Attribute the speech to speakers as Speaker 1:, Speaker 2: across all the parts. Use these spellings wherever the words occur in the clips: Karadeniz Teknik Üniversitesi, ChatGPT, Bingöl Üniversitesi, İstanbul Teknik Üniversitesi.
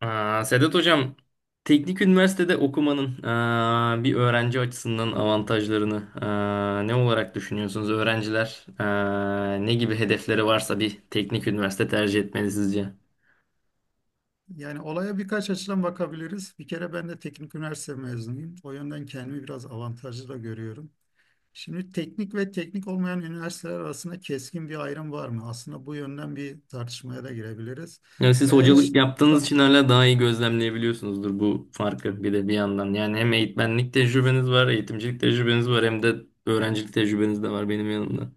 Speaker 1: Sedat Hocam, teknik üniversitede okumanın bir öğrenci açısından avantajlarını, ne olarak düşünüyorsunuz? Öğrenciler ne gibi hedefleri varsa bir teknik üniversite tercih etmeli sizce?
Speaker 2: Yani olaya birkaç açıdan bakabiliriz. Bir kere ben de teknik üniversite mezunuyum. O yönden kendimi biraz avantajlı da görüyorum. Şimdi teknik ve teknik olmayan üniversiteler arasında keskin bir ayrım var mı? Aslında bu yönden bir tartışmaya da girebiliriz.
Speaker 1: Yani siz,
Speaker 2: Veya hiç
Speaker 1: hocalık yaptığınız için hala daha iyi gözlemleyebiliyorsunuzdur bu farkı bir de bir yandan. Yani hem eğitmenlik tecrübeniz var, eğitimcilik tecrübeniz var, hem de öğrencilik tecrübeniz de var benim yanımda.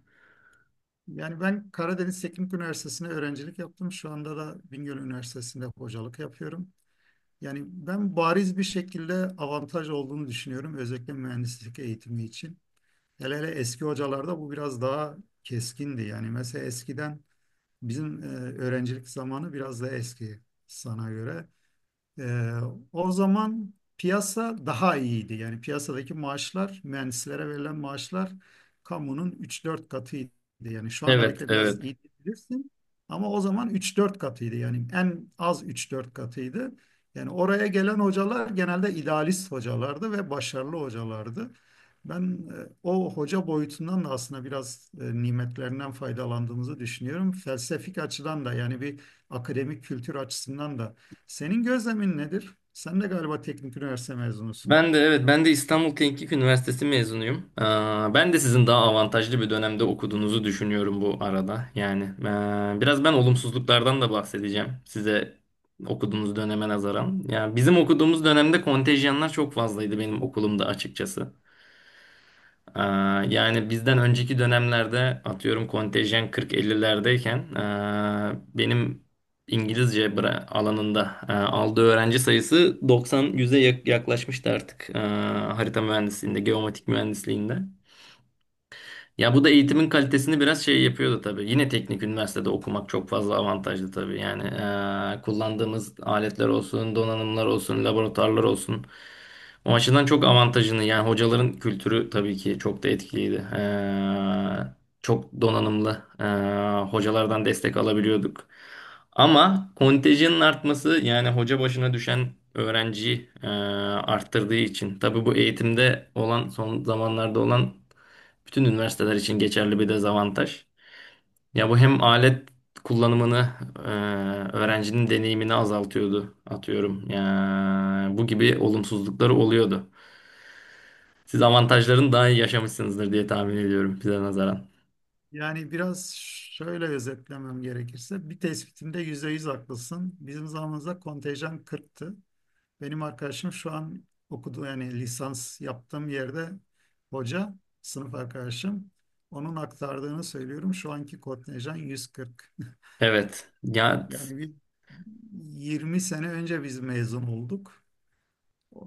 Speaker 2: yani ben Karadeniz Teknik Üniversitesi'ne öğrencilik yaptım. Şu anda da Bingöl Üniversitesi'nde hocalık yapıyorum. Yani ben bariz bir şekilde avantaj olduğunu düşünüyorum özellikle mühendislik eğitimi için. Hele hele eski hocalarda bu biraz daha keskindi. Yani mesela eskiden bizim öğrencilik zamanı biraz daha eski sana göre. Ee, O zaman piyasa daha iyiydi. Yani piyasadaki maaşlar, mühendislere verilen maaşlar kamunun üç dört katıydı. Yani şu anda
Speaker 1: Evet,
Speaker 2: bekle biraz
Speaker 1: evet.
Speaker 2: iyi diyebilirsin ama o zaman üç dört katıydı. Yani en az üç dört katıydı. Yani oraya gelen hocalar genelde idealist hocalardı ve başarılı hocalardı. Ben o hoca boyutundan da aslında biraz nimetlerinden faydalandığımızı düşünüyorum. Felsefik açıdan da, yani bir akademik kültür açısından da senin gözlemin nedir? Sen de galiba teknik üniversite mezunusun.
Speaker 1: Ben de evet, ben de İstanbul Teknik Üniversitesi mezunuyum. Ben de sizin daha avantajlı bir dönemde okuduğunuzu düşünüyorum bu arada. Yani biraz ben olumsuzluklardan da bahsedeceğim size okuduğunuz döneme nazaran. Yani bizim okuduğumuz dönemde kontenjanlar çok fazlaydı benim okulumda açıkçası. Yani bizden önceki dönemlerde atıyorum kontenjan 40-50'lerdeyken, benim alanında aldığı öğrenci sayısı 90-100'e yaklaşmıştı artık, harita mühendisliğinde, geomatik mühendisliğinde. Ya bu da eğitimin kalitesini biraz şey yapıyordu tabii. Yine teknik üniversitede okumak çok fazla avantajlı tabii. Yani kullandığımız aletler olsun, donanımlar olsun, laboratuvarlar olsun. O açıdan çok avantajını, yani hocaların kültürü tabii ki çok da etkiliydi. Çok donanımlı hocalardan destek alabiliyorduk. Ama kontenjanın artması, yani hoca başına düşen öğrenciyi arttırdığı için. Tabii bu eğitimde olan, son zamanlarda olan bütün üniversiteler için geçerli bir dezavantaj. Ya bu hem alet kullanımını, e, öğrencinin deneyimini azaltıyordu atıyorum. Ya, bu gibi olumsuzlukları oluyordu. Siz avantajlarını daha iyi yaşamışsınızdır diye tahmin ediyorum bize nazaran.
Speaker 2: Yani biraz şöyle özetlemem gerekirse, bir tespitinde %100 haklısın. Bizim zamanımızda kontenjan 40'tı. Benim arkadaşım şu an okuduğu yani lisans yaptığım yerde hoca, sınıf arkadaşım. Onun aktardığını söylüyorum. Şu anki kontenjan 140.
Speaker 1: Evet. Ya
Speaker 2: Yani bir 20 sene önce biz mezun olduk.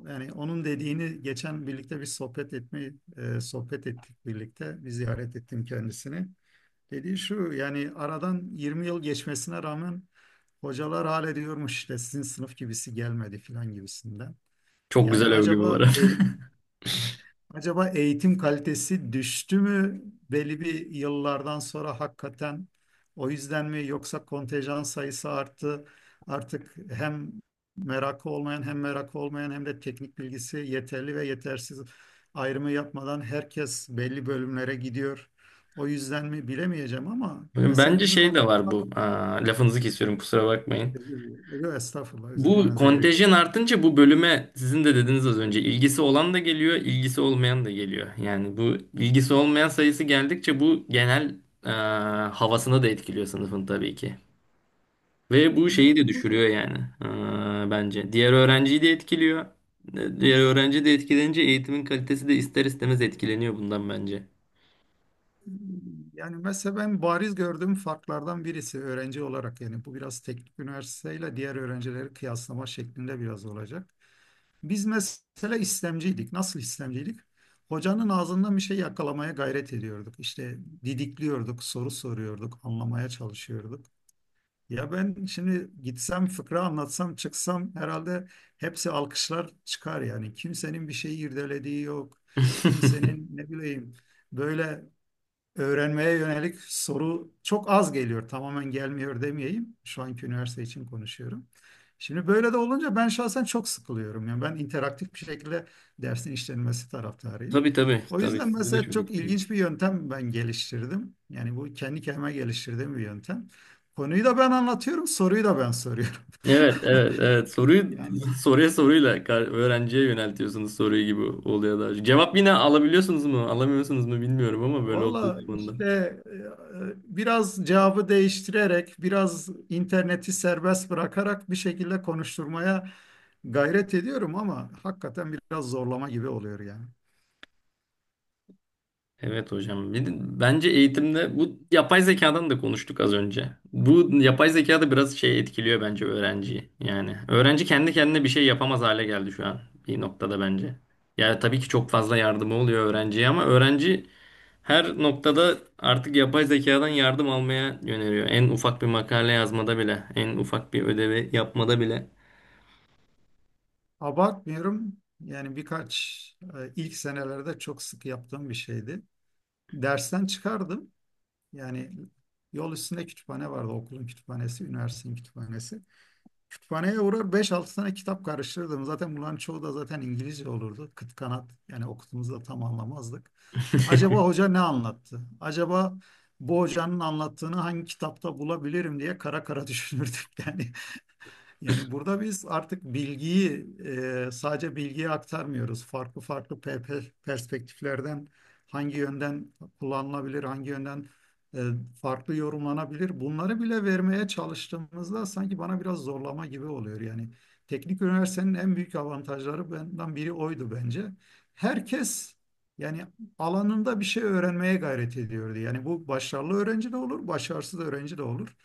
Speaker 2: Yani onun dediğini geçen birlikte bir sohbet sohbet ettik birlikte. Bir ziyaret ettim kendisini. Dediği şu: yani aradan 20 yıl geçmesine rağmen hocalar hala diyormuş işte sizin sınıf gibisi gelmedi filan gibisinden.
Speaker 1: çok
Speaker 2: Yani
Speaker 1: güzel övgü bu
Speaker 2: acaba
Speaker 1: arada.
Speaker 2: el, Acaba eğitim kalitesi düştü mü belli bir yıllardan sonra hakikaten, o yüzden mi yoksa kontenjan sayısı arttı artık hem merakı olmayan hem de teknik bilgisi yeterli ve yetersiz ayrımı yapmadan herkes belli bölümlere gidiyor. O yüzden mi bilemeyeceğim ama mesela
Speaker 1: Bence
Speaker 2: bizim
Speaker 1: şey de var
Speaker 2: zamanımızda.
Speaker 1: bu. Lafınızı kesiyorum, kusura bakmayın.
Speaker 2: Yok, estağfurullah, özür
Speaker 1: Bu
Speaker 2: dilemenize gerek yok.
Speaker 1: kontenjan artınca bu bölüme, sizin de dediniz az önce, ilgisi olan da geliyor, ilgisi olmayan da geliyor. Yani bu ilgisi olmayan sayısı geldikçe bu genel e, havasını da etkiliyor sınıfın tabii ki. Ve bu
Speaker 2: Yani
Speaker 1: şeyi de
Speaker 2: onu
Speaker 1: düşürüyor yani, bence. Diğer öğrenciyi de etkiliyor. Diğer öğrenci de etkilenince eğitimin kalitesi de ister istemez etkileniyor bundan bence.
Speaker 2: Yani mesela ben bariz gördüğüm farklardan birisi öğrenci olarak, yani bu biraz teknik üniversiteyle diğer öğrencileri kıyaslama şeklinde biraz olacak. Biz mesela istemciydik. Nasıl istemciydik? Hocanın ağzından bir şey yakalamaya gayret ediyorduk. İşte didikliyorduk, soru soruyorduk, anlamaya çalışıyorduk. Ya ben şimdi gitsem fıkra anlatsam çıksam herhalde hepsi alkışlar çıkar yani. Kimsenin bir şeyi irdelediği yok. Kimsenin ne bileyim böyle öğrenmeye yönelik soru çok az geliyor. Tamamen gelmiyor demeyeyim. Şu anki üniversite için konuşuyorum. Şimdi böyle de olunca ben şahsen çok sıkılıyorum. Yani ben interaktif bir şekilde dersin işlenmesi taraftarıyım.
Speaker 1: Tabii, tabii,
Speaker 2: O
Speaker 1: tabii,
Speaker 2: yüzden
Speaker 1: sizi de
Speaker 2: mesela
Speaker 1: çok
Speaker 2: çok
Speaker 1: etkiliyor.
Speaker 2: ilginç bir yöntem ben geliştirdim. Yani bu kendi kendime geliştirdiğim bir yöntem. Konuyu da ben anlatıyorum, soruyu da ben soruyorum.
Speaker 1: Evet, evet, evet. Soruyu
Speaker 2: Yani
Speaker 1: soruya öğrenciye yöneltiyorsunuz soruyu gibi oluyor daha çok. Cevap yine alabiliyorsunuz mu, alamıyorsunuz mu bilmiyorum ama böyle olduğu
Speaker 2: valla
Speaker 1: zaman.
Speaker 2: işte, biraz cevabı değiştirerek, biraz interneti serbest bırakarak bir şekilde konuşturmaya gayret ediyorum ama hakikaten biraz zorlama gibi oluyor yani.
Speaker 1: Evet hocam. Bir de bence eğitimde bu yapay zekadan da konuştuk az önce. Bu yapay zeka da biraz şey etkiliyor bence öğrenciyi. Yani öğrenci kendi kendine bir şey yapamaz hale geldi şu an bir noktada bence. Yani tabii ki çok fazla yardımı oluyor öğrenciye ama öğrenci her noktada artık yapay zekadan yardım almaya yöneliyor. En ufak bir makale yazmada bile, en ufak bir ödevi yapmada bile.
Speaker 2: Abartmıyorum. Yani ilk senelerde çok sık yaptığım bir şeydi. Dersten çıkardım. Yani yol üstünde kütüphane vardı. Okulun kütüphanesi, üniversitenin kütüphanesi. Kütüphaneye uğrar beş altı tane kitap karıştırırdım. Zaten bunların çoğu da zaten İngilizce olurdu. Kıt kanat yani okuduğumuzu da tam anlamazdık. Acaba hoca ne anlattı? Acaba bu hocanın anlattığını hangi kitapta bulabilirim diye kara kara düşünürdük yani. Yani burada biz artık sadece bilgiyi aktarmıyoruz. Farklı farklı perspektiflerden hangi yönden kullanılabilir, hangi yönden e, farklı yorumlanabilir. Bunları bile vermeye çalıştığımızda sanki bana biraz zorlama gibi oluyor. Yani teknik üniversitenin en büyük avantajları benden biri oydu bence. Herkes yani alanında bir şey öğrenmeye gayret ediyordu. Yani bu başarılı öğrenci de olur, başarısız öğrenci de olur.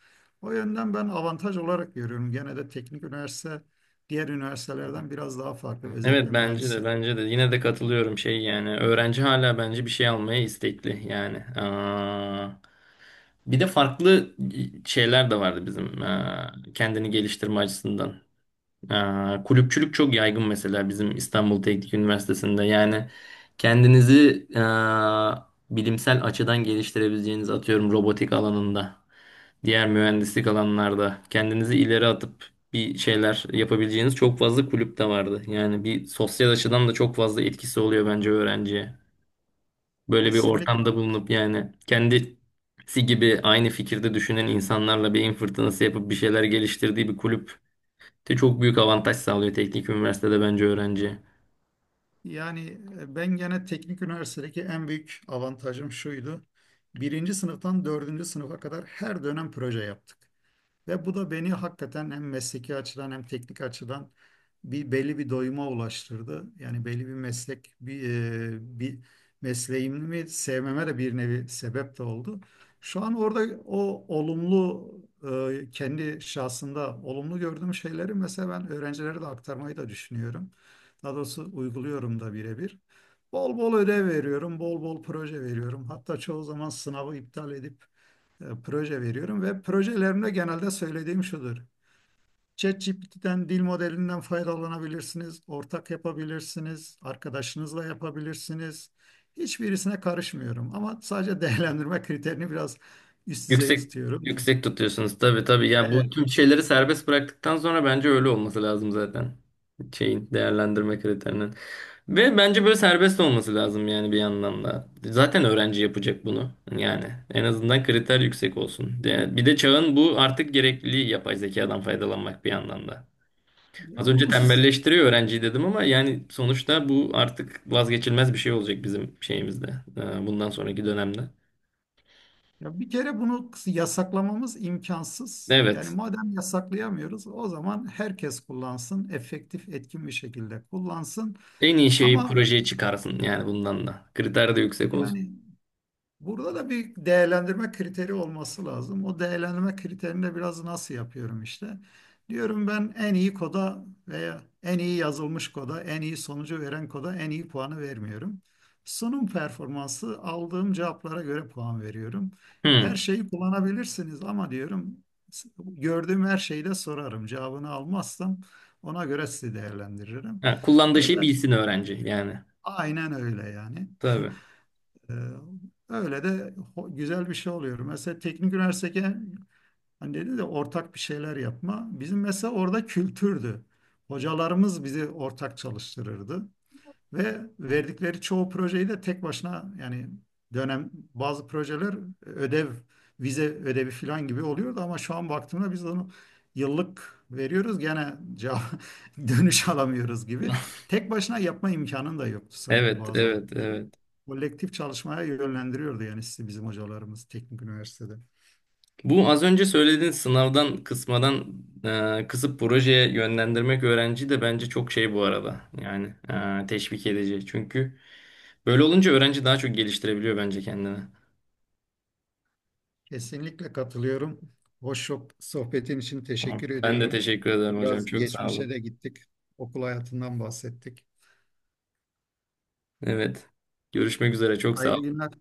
Speaker 2: O yönden ben avantaj olarak görüyorum. Gene de teknik üniversite diğer üniversitelerden biraz daha farklı.
Speaker 1: Evet,
Speaker 2: Özellikle
Speaker 1: bence de,
Speaker 2: mühendislik.
Speaker 1: bence de yine de katılıyorum şey, yani öğrenci hala bence bir şey almaya istekli yani. Bir de farklı şeyler de vardı bizim, kendini geliştirme açısından. Kulüpçülük çok yaygın mesela bizim İstanbul Teknik Üniversitesi'nde. Yani kendinizi bilimsel açıdan geliştirebileceğiniz, atıyorum robotik alanında, diğer mühendislik alanlarda kendinizi ileri atıp bir şeyler yapabileceğiniz çok fazla kulüp de vardı. Yani bir sosyal açıdan da çok fazla etkisi oluyor bence öğrenciye. Böyle bir
Speaker 2: Kesinlikle,
Speaker 1: ortamda bulunup
Speaker 2: haklısın.
Speaker 1: yani kendisi gibi aynı fikirde düşünen insanlarla beyin fırtınası yapıp bir şeyler geliştirdiği bir kulüp de çok büyük avantaj sağlıyor teknik üniversitede bence öğrenciye.
Speaker 2: Yani ben gene teknik üniversitedeki en büyük avantajım şuydu. Birinci sınıftan dördüncü sınıfa kadar her dönem proje yaptık. Ve bu da beni hakikaten hem mesleki açıdan hem teknik açıdan bir belli bir doyuma ulaştırdı. Yani belli bir e, bir mesleğimi sevmeme de bir nevi sebep de oldu. Şu an orada o olumlu kendi şahsında olumlu gördüğüm şeyleri mesela ben öğrencilere de aktarmayı da düşünüyorum. Daha doğrusu uyguluyorum da birebir. Bol bol ödev veriyorum, bol bol proje veriyorum. Hatta çoğu zaman sınavı iptal edip proje veriyorum ve projelerimde genelde söylediğim şudur. ChatGPT'den, dil modelinden faydalanabilirsiniz, ortak yapabilirsiniz, arkadaşınızla yapabilirsiniz. Hiçbirisine karışmıyorum ama sadece değerlendirme kriterini biraz üst düzey
Speaker 1: Yüksek
Speaker 2: tutuyorum.
Speaker 1: yüksek tutuyorsunuz, tabii tabii. Ya bu
Speaker 2: Evet,
Speaker 1: tüm şeyleri serbest bıraktıktan sonra bence öyle olması lazım zaten. Şeyin, değerlendirme kriterinin. Ve bence böyle serbest olması lazım yani bir yandan da. Zaten öğrenci yapacak bunu. Yani en azından kriter yüksek olsun. Yani bir de çağın bu artık gerekliliği yapay zekadan faydalanmak bir yandan da.
Speaker 2: ya
Speaker 1: Az önce
Speaker 2: bunu
Speaker 1: tembelleştiriyor öğrenciyi dedim ama yani sonuçta bu artık vazgeçilmez bir şey olacak bizim şeyimizde. Bundan sonraki dönemde.
Speaker 2: ya bir kere bunu yasaklamamız imkansız. Yani
Speaker 1: Evet.
Speaker 2: madem yasaklayamıyoruz, o zaman herkes kullansın, efektif, etkin bir şekilde kullansın.
Speaker 1: En iyi şeyi
Speaker 2: Ama
Speaker 1: projeye çıkarsın yani bundan da. Kriter de yüksek olsun.
Speaker 2: yani burada da bir değerlendirme kriteri olması lazım. O değerlendirme kriterini de biraz nasıl yapıyorum işte. Diyorum ben en iyi koda veya en iyi yazılmış koda, en iyi sonucu veren koda en iyi puanı vermiyorum. Sunum performansı, aldığım cevaplara göre puan veriyorum. Her
Speaker 1: Hmm.
Speaker 2: şeyi kullanabilirsiniz ama diyorum gördüğüm her şeyi de sorarım. Cevabını almazsam ona göre sizi değerlendiririm.
Speaker 1: Ha, kullandığı şeyi
Speaker 2: Böyle,
Speaker 1: bilsin öğrenci yani.
Speaker 2: aynen öyle yani.
Speaker 1: Tabii.
Speaker 2: Ee, Öyle de güzel bir şey oluyor. Mesela teknik üniversitede hani dedi de ortak bir şeyler yapma. Bizim mesela orada kültürdü. Hocalarımız bizi ortak çalıştırırdı. Ve verdikleri çoğu projeyi de tek başına yani dönem bazı projeler ödev, vize ödevi falan gibi oluyordu ama şu an baktığımda biz onu yıllık veriyoruz gene cevap, dönüş alamıyoruz gibi. Tek başına yapma imkanın da yoktu sanki
Speaker 1: Evet,
Speaker 2: bazı
Speaker 1: evet,
Speaker 2: ödevleri.
Speaker 1: evet.
Speaker 2: Kolektif çalışmaya yönlendiriyordu yani sizi bizim hocalarımız teknik üniversitede.
Speaker 1: Bu az önce söylediğin sınavdan kısmadan, kısıp projeye yönlendirmek öğrenci de bence çok şey bu arada. Yani teşvik edici. Çünkü böyle olunca öğrenci daha çok geliştirebiliyor bence kendini.
Speaker 2: Kesinlikle katılıyorum. Sohbetin için
Speaker 1: Tamam.
Speaker 2: teşekkür
Speaker 1: Ben de
Speaker 2: ediyorum.
Speaker 1: teşekkür ederim hocam.
Speaker 2: Biraz
Speaker 1: Çok sağ
Speaker 2: geçmişe
Speaker 1: olun.
Speaker 2: de gittik. Okul hayatından bahsettik.
Speaker 1: Evet. Görüşmek üzere. Çok sağ
Speaker 2: Hayırlı
Speaker 1: olun.
Speaker 2: günler.